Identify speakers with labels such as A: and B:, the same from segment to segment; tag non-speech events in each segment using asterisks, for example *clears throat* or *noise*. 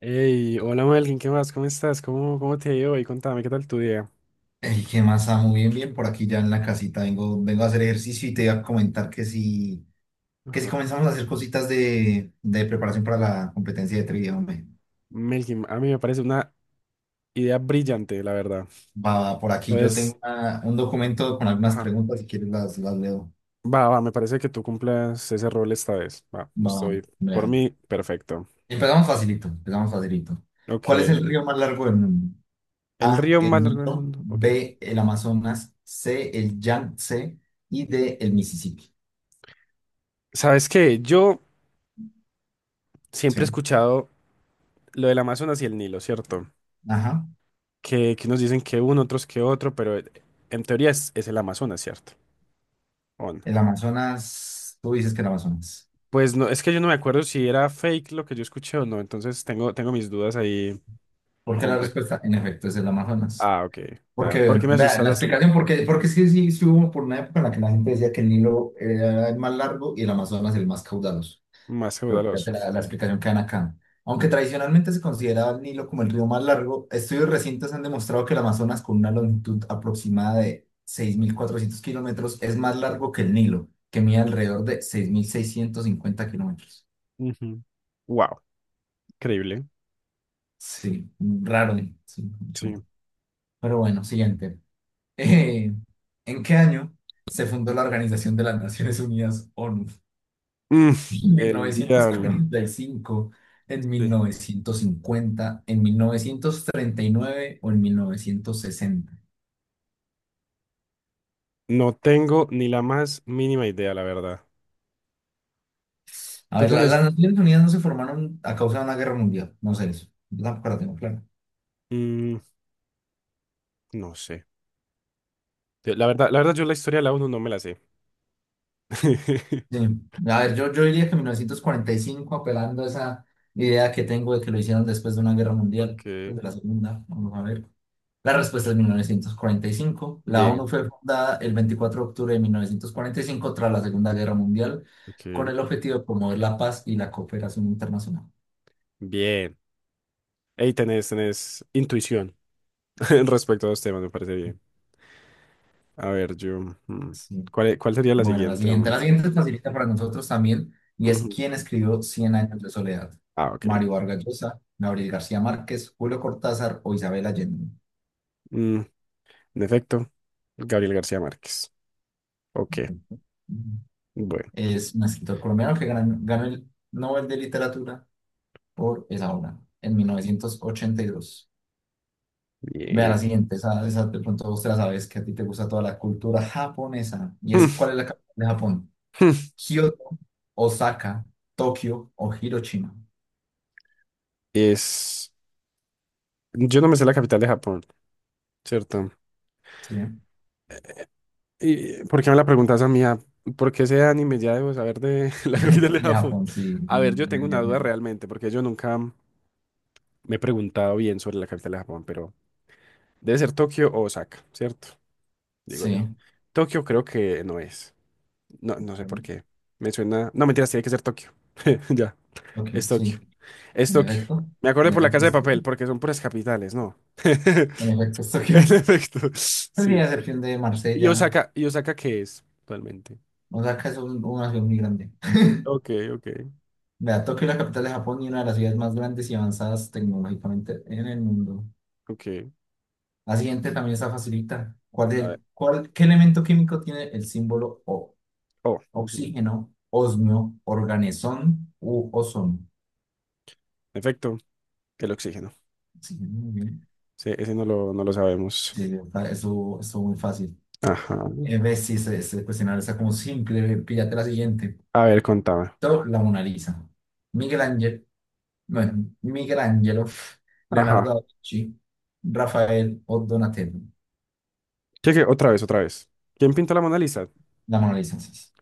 A: Hey, hola Melkin, ¿qué más? ¿Cómo estás? ¿Cómo te ha ido hoy? Contame, ¿qué tal tu día?
B: El que más amo, bien, bien, por aquí ya en la casita vengo a hacer ejercicio y te iba a comentar que si
A: Ajá.
B: comenzamos a hacer cositas de preparación para la competencia de trivia, hombre.
A: Melkin, a mí me parece una idea brillante, la verdad.
B: Va, por aquí yo
A: Entonces,
B: tengo un documento con algunas
A: ajá.
B: preguntas, si quieres las leo.
A: Va, va, me parece que tú cumplas ese rol esta vez. Va,
B: Va,
A: estoy por
B: vea.
A: mí, perfecto.
B: Empezamos facilito, empezamos facilito. ¿Cuál es
A: Ok.
B: el río más largo del mundo?
A: El
B: A,
A: río
B: el
A: más largo del
B: Nilo;
A: mundo. Ok.
B: B, el Amazonas; C, el Yangtze y D, el Mississippi.
A: ¿Sabes qué? Yo siempre he
B: Sí.
A: escuchado lo del Amazonas y el Nilo, ¿cierto?
B: Ajá.
A: Que unos dicen que uno, otros que otro, pero en teoría es el Amazonas, ¿cierto? ¿O no?
B: El Amazonas, tú dices que el Amazonas.
A: Pues no, es que yo no me acuerdo si era fake lo que yo escuché o no, entonces tengo mis dudas ahí,
B: Porque la
A: hombre.
B: respuesta, en efecto, es el Amazonas.
A: Ah, ok. Nada, ¿por
B: Porque,
A: qué me
B: vea,
A: asustas
B: la
A: así?
B: explicación, porque sí, sí, sí hubo por una época en la que la gente decía que el Nilo era el más largo y el Amazonas el más caudaloso.
A: Más
B: Pero creo
A: caudaloso.
B: que la explicación queda acá. Aunque tradicionalmente se consideraba el Nilo como el río más largo, estudios recientes han demostrado que el Amazonas, con una longitud aproximada de 6400 kilómetros, es más largo que el Nilo, que mide alrededor de 6650 kilómetros.
A: Ujú. Wow, increíble.
B: Sí, raro, sí,
A: Sí.
B: mucho. Pero bueno, siguiente. Eh, ¿En qué año se fundó la Organización de las Naciones Unidas, ONU?
A: Mm,
B: ¿En mil
A: el
B: novecientos
A: diablo.
B: cuarenta y cinco, en mil
A: Sí.
B: novecientos cincuenta, en 1939 o en 1960?
A: No tengo ni la más mínima idea, la verdad.
B: A
A: ¿Tú
B: ver, la-
A: tenés?
B: las Naciones Unidas no se formaron a causa de una guerra mundial, no sé eso, yo tampoco la tengo clara.
A: Mm, no sé. La verdad, yo la historia de la uno no me la sé. *laughs*
B: Sí. A ver, yo diría que 1945, apelando a esa idea que tengo de que lo hicieron después de una guerra mundial, pues
A: Ok.
B: de la segunda, vamos a ver. La respuesta es 1945. La ONU
A: Bien.
B: fue fundada el 24 de octubre de 1945 tras la Segunda Guerra Mundial con
A: Ok.
B: el objetivo de promover la paz y la cooperación internacional.
A: Bien. Ahí tenés, tenés intuición *laughs* respecto a los temas, me parece bien. A ver, yo. mm,
B: Sí.
A: ¿Cuál, cuál sería la
B: Bueno, la
A: siguiente?
B: siguiente.
A: Mm,
B: La siguiente es facilita para nosotros también y es,
A: ujú.
B: ¿quién escribió Cien años de soledad?
A: Ah, ok.
B: Mario Vargas Llosa, Gabriel García Márquez, Julio Cortázar o Isabel Allende.
A: Mm, en efecto, Gabriel García Márquez. Ok,
B: Ujú.
A: bueno.
B: Es un escritor colombiano que ganó el Nobel de Literatura por esa obra en 1982. Vean la
A: Bien. *laughs*
B: siguiente, esa de pronto vos te la sabes, que a ti te gusta toda la cultura japonesa. Y es,
A: Mm,
B: ¿cuál es la capital de Japón?
A: mm,
B: Kioto, Osaka, Tokio o Hiroshima.
A: Es. Yo no me sé la capital de Japón, ¿cierto?
B: Sí, de
A: ¿Y por qué me la preguntas a mí? Ah, ¿por qué ese anime ya debo saber de *laughs* la capital de Japón?
B: Japón, sí.
A: A ver,
B: Mm,
A: yo tengo una
B: ya.
A: duda realmente, porque yo nunca me he preguntado bien sobre la capital de Japón, pero debe ser Tokio o Osaka, ¿cierto? Digo yo.
B: Sí,
A: Tokio creo que no es. No, no sé por qué. Me suena. No, mentiras, tiene que ser Tokio. *laughs* Ya,
B: Tokio,
A: es Tokio.
B: sí.
A: Es
B: En
A: Tokio.
B: efecto,
A: Me acordé
B: en
A: por la
B: efecto,
A: Casa de
B: es
A: Papel, porque son puras capitales, ¿no? *laughs*
B: En efecto, es Tokio.
A: En
B: *laughs*
A: efecto.
B: Pues sí,
A: Sí.
B: a excepción de
A: ¿Y
B: Marsella,
A: Osaka, y Osaka qué es realmente?
B: Osaka es una ciudad muy grande.
A: Ok, ok,
B: Vea, Tokio es la capital de Japón y una de las ciudades más grandes y avanzadas tecnológicamente en el mundo.
A: ok.
B: La siguiente también está facilita. ¿Cuál
A: A
B: es,
A: ver.
B: cuál, qué elemento químico tiene el símbolo O?
A: Oh, ujú.
B: Oxígeno, osmio, organezón u ozono.
A: En efecto, el oxígeno.
B: Oxígeno, muy bien.
A: Sí, ese no lo sabemos.
B: Sí, eso es muy fácil.
A: Ajá.
B: Ves, sí, ese cuestionario está como simple. Píllate la siguiente.
A: A ver, contame.
B: La Mona Lisa. Miguel Ángel, bueno, Miguel Ángelo, Leonardo
A: Ajá.
B: da Vinci, Rafael o Donatello.
A: ¿Qué, qué? Otra vez, otra vez. ¿Quién pintó la Mona Lisa?
B: La Mona Lisa, sí, sí.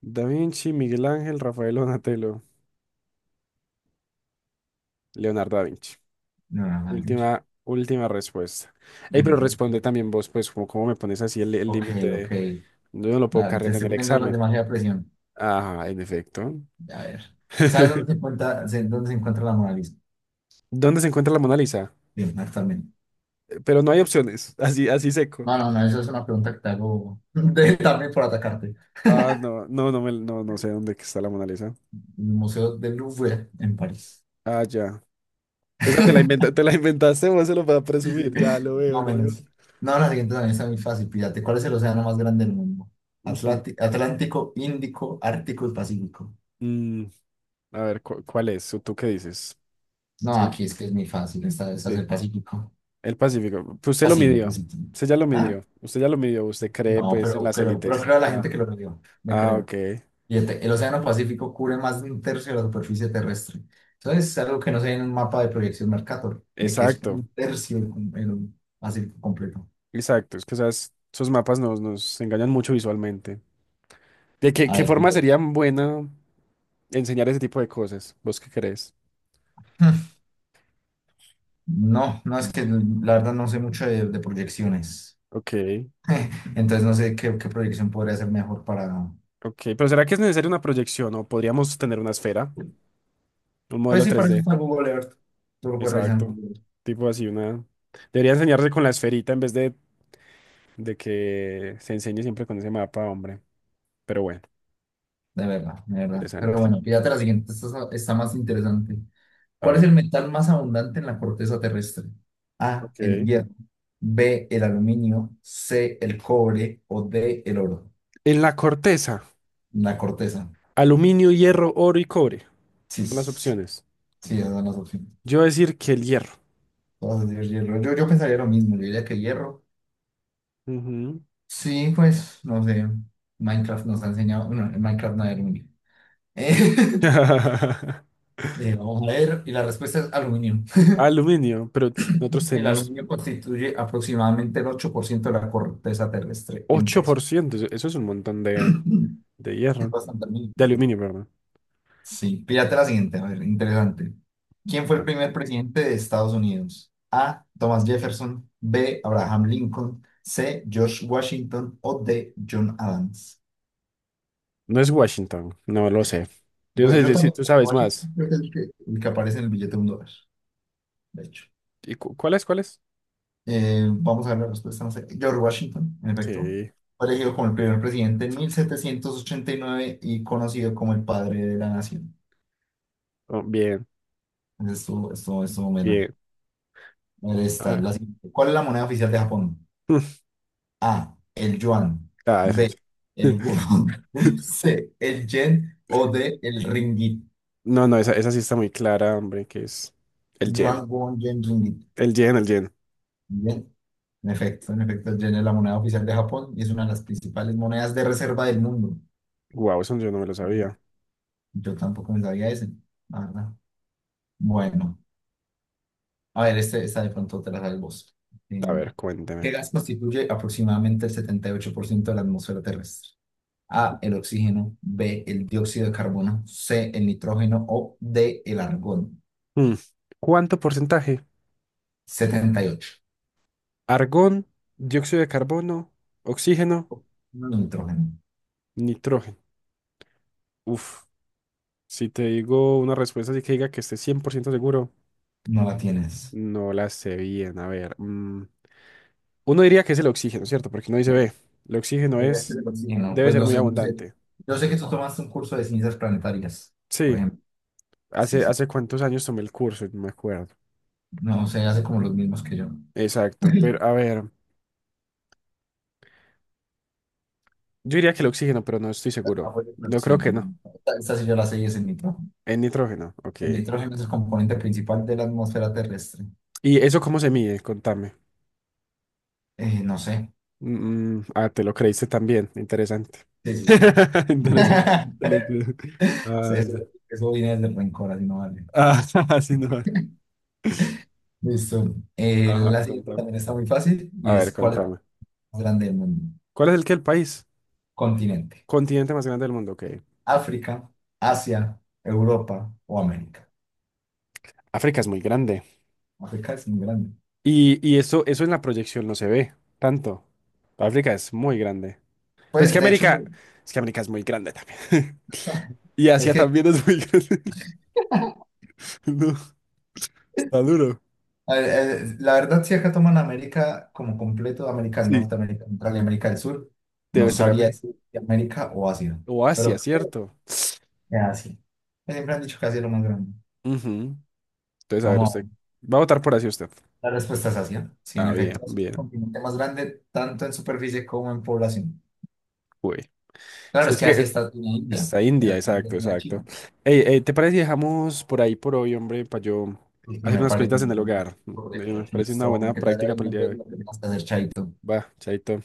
A: Da Vinci, Miguel Ángel, Rafael Donatello, Leonardo da Vinci.
B: Leonardo da Vinci.
A: Última, última respuesta. Ey,
B: En
A: pero
B: efecto.
A: responde también vos, pues, como cómo me pones así el
B: Ok,
A: límite
B: ok.
A: de- Yo no lo puedo
B: Te
A: cargar en
B: estoy
A: el
B: poniendo la
A: examen.
B: demasiada presión.
A: Ajá, en efecto.
B: A ver. ¿Sabes dónde se
A: *laughs*
B: encuentra, se- dónde se encuentra la Mona Lisa?
A: ¿Dónde se encuentra la Mona Lisa?
B: Bien, actualmente.
A: Pero no hay opciones, *laughs* así, así seco.
B: No, no, no, eso es una pregunta que te hago *laughs* también por atacarte.
A: Ah, no, no, no, no, no sé dónde que está la Mona Lisa.
B: El Museo del Louvre en París.
A: Ah, ya. Esa te la inventaste, vos se lo vas a
B: Sí, sí.
A: presumir. Ya, lo veo,
B: Más o
A: lo veo.
B: menos. No, la siguiente también está muy fácil. Pídate, ¿cuál es el océano más grande del mundo?
A: Ujú.
B: Atlántico, Índico, Ártico y Pacífico.
A: Mm, a ver, ¿cuál es? ¿O ¿Tú qué dices?
B: No,
A: Sí,
B: aquí es que es muy fácil. Esta es
A: sí.
B: el Pacífico.
A: El Pacífico. Pues usted lo
B: Pacífico,
A: midió.
B: sí, sí.
A: Usted ya lo
B: Ah,
A: midió. Usted ya lo midió. Usted cree,
B: no,
A: pues, en
B: pero,
A: las
B: pero, pero
A: élites.
B: creo a la gente
A: Ah.
B: que lo leyó. Me
A: Ah,
B: creo.
A: ok.
B: Fíjate, el Océano Pacífico cubre más de un tercio de la superficie terrestre. Entonces, es algo que no se ve en un mapa de proyección Mercator, de que es
A: Exacto.
B: un tercio el Pacífico completo.
A: Exacto. Es que esos mapas nos engañan mucho visualmente. ¿De qué,
B: A
A: qué
B: ver, pues,
A: forma
B: bueno.
A: sería buena enseñar ese tipo de cosas? ¿Vos qué crees?
B: *laughs* No, no es que la verdad no sé mucho de proyecciones.
A: Ok.
B: *laughs* Entonces, no sé qué proyección podría ser mejor para.
A: Ok. Pero ¿será que es necesaria una proyección o podríamos tener una esfera? Un
B: Pues
A: modelo
B: sí, para eso
A: 3D.
B: está Google Earth. Tú lo puedes revisar.
A: Exacto. Tipo así, una... Debería enseñarse con la esferita en vez de que se enseñe siempre con ese mapa, hombre. Pero bueno,
B: De verdad, de verdad. Pero
A: interesante.
B: bueno, fíjate la siguiente, esta está más interesante.
A: A
B: ¿Cuál es el
A: ver,
B: metal más abundante en la corteza terrestre? A, el
A: ok.
B: hierro; B, el aluminio; C, el cobre o D, el oro.
A: En la corteza,
B: La corteza.
A: aluminio, hierro, oro y cobre.
B: Sí,
A: Son las
B: s-
A: opciones.
B: sí, esas son las opciones.
A: Yo voy a decir que el hierro.
B: Todas las de hierro. Yo pensaría lo mismo, yo diría que hierro.
A: Ujú.
B: Sí, pues, no sé. Minecraft nos ha enseñado, no, en Minecraft no hay aluminio. *laughs*
A: *laughs*
B: Vamos a ver, y la respuesta es aluminio.
A: Aluminio, pero nosotros
B: El
A: tenemos
B: aluminio constituye aproximadamente el 8% de la corteza terrestre en peso.
A: 8%. Eso es un montón de
B: *clears throat* Es
A: hierro.
B: bastante mínimo.
A: De aluminio, perdón.
B: Sí. Píllate la siguiente, a ver, interesante. ¿Quién fue el
A: Ah,
B: primer presidente de Estados Unidos? A, Thomas Jefferson; B, Abraham Lincoln; C, George Washington o D, John Adams.
A: no es Washington, no lo sé. Yo no
B: Yo,
A: sé
B: yo
A: si
B: también,
A: tú sabes
B: Washington,
A: más.
B: creo que es el que aparece en el billete de un dólar, de hecho.
A: ¿Y cuál es? ¿Cuál es?
B: Vamos a ver la respuesta. No sé. George Washington, en efecto,
A: Sí.
B: fue elegido como el primer presidente en 1789 y conocido como el padre de la nación.
A: Oh, bien,
B: Entonces, estuvo bueno.
A: bien.
B: Ahí está,
A: Ah,
B: la siguiente. ¿Cuál es la moneda oficial de Japón?
A: *laughs*
B: A, el yuan;
A: ah, esa
B: B, el won; *laughs*
A: *laughs*
B: C, el yen o D, el ringgit.
A: no, no, esa sí está muy clara, hombre, que es el
B: Yuan,
A: yen.
B: won, yen, ringgit.
A: El yen, el yen.
B: Bien. En efecto, el yen es la moneda oficial de Japón y es una de las principales monedas de reserva del mundo.
A: Wow, eso yo no me lo
B: Bien.
A: sabía.
B: Yo tampoco me sabía ese. Ah, bueno, a ver, este, esta de pronto te la da el vos.
A: A
B: Em,
A: ver,
B: ¿Qué
A: cuénteme.
B: gas constituye aproximadamente el 78% de la atmósfera terrestre? A, el oxígeno; B, el dióxido de carbono; C, el nitrógeno o D, el argón.
A: Mm, ¿Cuánto porcentaje?
B: 78.
A: Argón, dióxido de carbono, oxígeno,
B: No, nitrógeno.
A: nitrógeno. Uf, si te digo una respuesta así que diga que esté 100% seguro,
B: No la tienes.
A: no la sé bien. A ver, uno diría que es el oxígeno, ¿cierto? Porque uno dice,
B: No.
A: ve, el oxígeno
B: Este es
A: es,
B: el oxígeno.
A: debe
B: Pues
A: ser
B: no
A: muy
B: sé, no sé.
A: abundante.
B: Yo sé que tú tomaste un curso de ciencias planetarias, por
A: Sí,
B: ejemplo. Sí,
A: hace,
B: sí.
A: hace cuántos años tomé el curso, no me acuerdo.
B: No sé, hace como los mismos que yo.
A: Exacto, pero
B: *laughs*
A: a ver, yo diría que el oxígeno, pero no estoy seguro.
B: Apoyo el
A: No creo que
B: oxígeno.
A: no.
B: Esta sí yo la sé y es el nitrógeno.
A: El nitrógeno, ok.
B: El nitrógeno es el componente principal de la atmósfera terrestre.
A: ¿Y eso cómo se mide? Contame.
B: No sé.
A: Ah, te lo creíste también. Interesante.
B: Sí, sí, sí.
A: *laughs* Interesante. Te
B: *laughs*
A: lo creo.
B: Sí,
A: Ah,
B: Eso,
A: ya.
B: eso viene desde el rencor, así no vale.
A: Ah, *laughs* sí, no.
B: Listo.
A: Ajá,
B: La siguiente
A: contame.
B: también está muy fácil y
A: A ver,
B: es, ¿cuál es el
A: contame.
B: más grande del mundo?
A: ¿Cuál es el país?
B: Continente.
A: Continente más grande del mundo. Ok.
B: África, Asia, Europa o América.
A: África es muy grande.
B: África es muy grande.
A: Y eso en la proyección no se ve tanto. África es muy grande. Pero es que
B: Pues de hecho, no,
A: América, es que América es muy grande también. *laughs* Y
B: es
A: Asia
B: que
A: también es muy grande. *laughs* No, está duro.
B: a ver, la verdad si acá toman América como completo, América del
A: Sí.
B: Norte, América Central y América del Sur, no
A: Debe ser
B: sabría
A: América.
B: decir si América o Asia.
A: O Asia,
B: Pero.
A: ¿cierto?
B: Ya, sí. Pues siempre han dicho que así es lo más grande.
A: Ujú. Entonces, a ver,
B: Vamos,
A: usted va a votar por así usted.
B: la respuesta es Asia. Sí, en
A: Ah,
B: efecto,
A: bien,
B: es el
A: bien.
B: continente más grande tanto en superficie como en población.
A: Uy.
B: Claro,
A: Sí,
B: es
A: es
B: que
A: que
B: Asia está en
A: está India,
B: India,
A: exacto,
B: en la China.
A: exacto. Ey, ey, ¿te parece si dejamos por ahí por hoy, hombre, para yo
B: Y
A: hacer
B: me
A: unas
B: parece
A: cositas en
B: un
A: el
B: buen
A: hogar?
B: correcto.
A: Me parece una
B: Listo,
A: buena
B: que te haya
A: práctica para
B: bien,
A: el día de
B: entonces
A: hoy.
B: lo que tengas que hacer, chaito.
A: Va, chaito.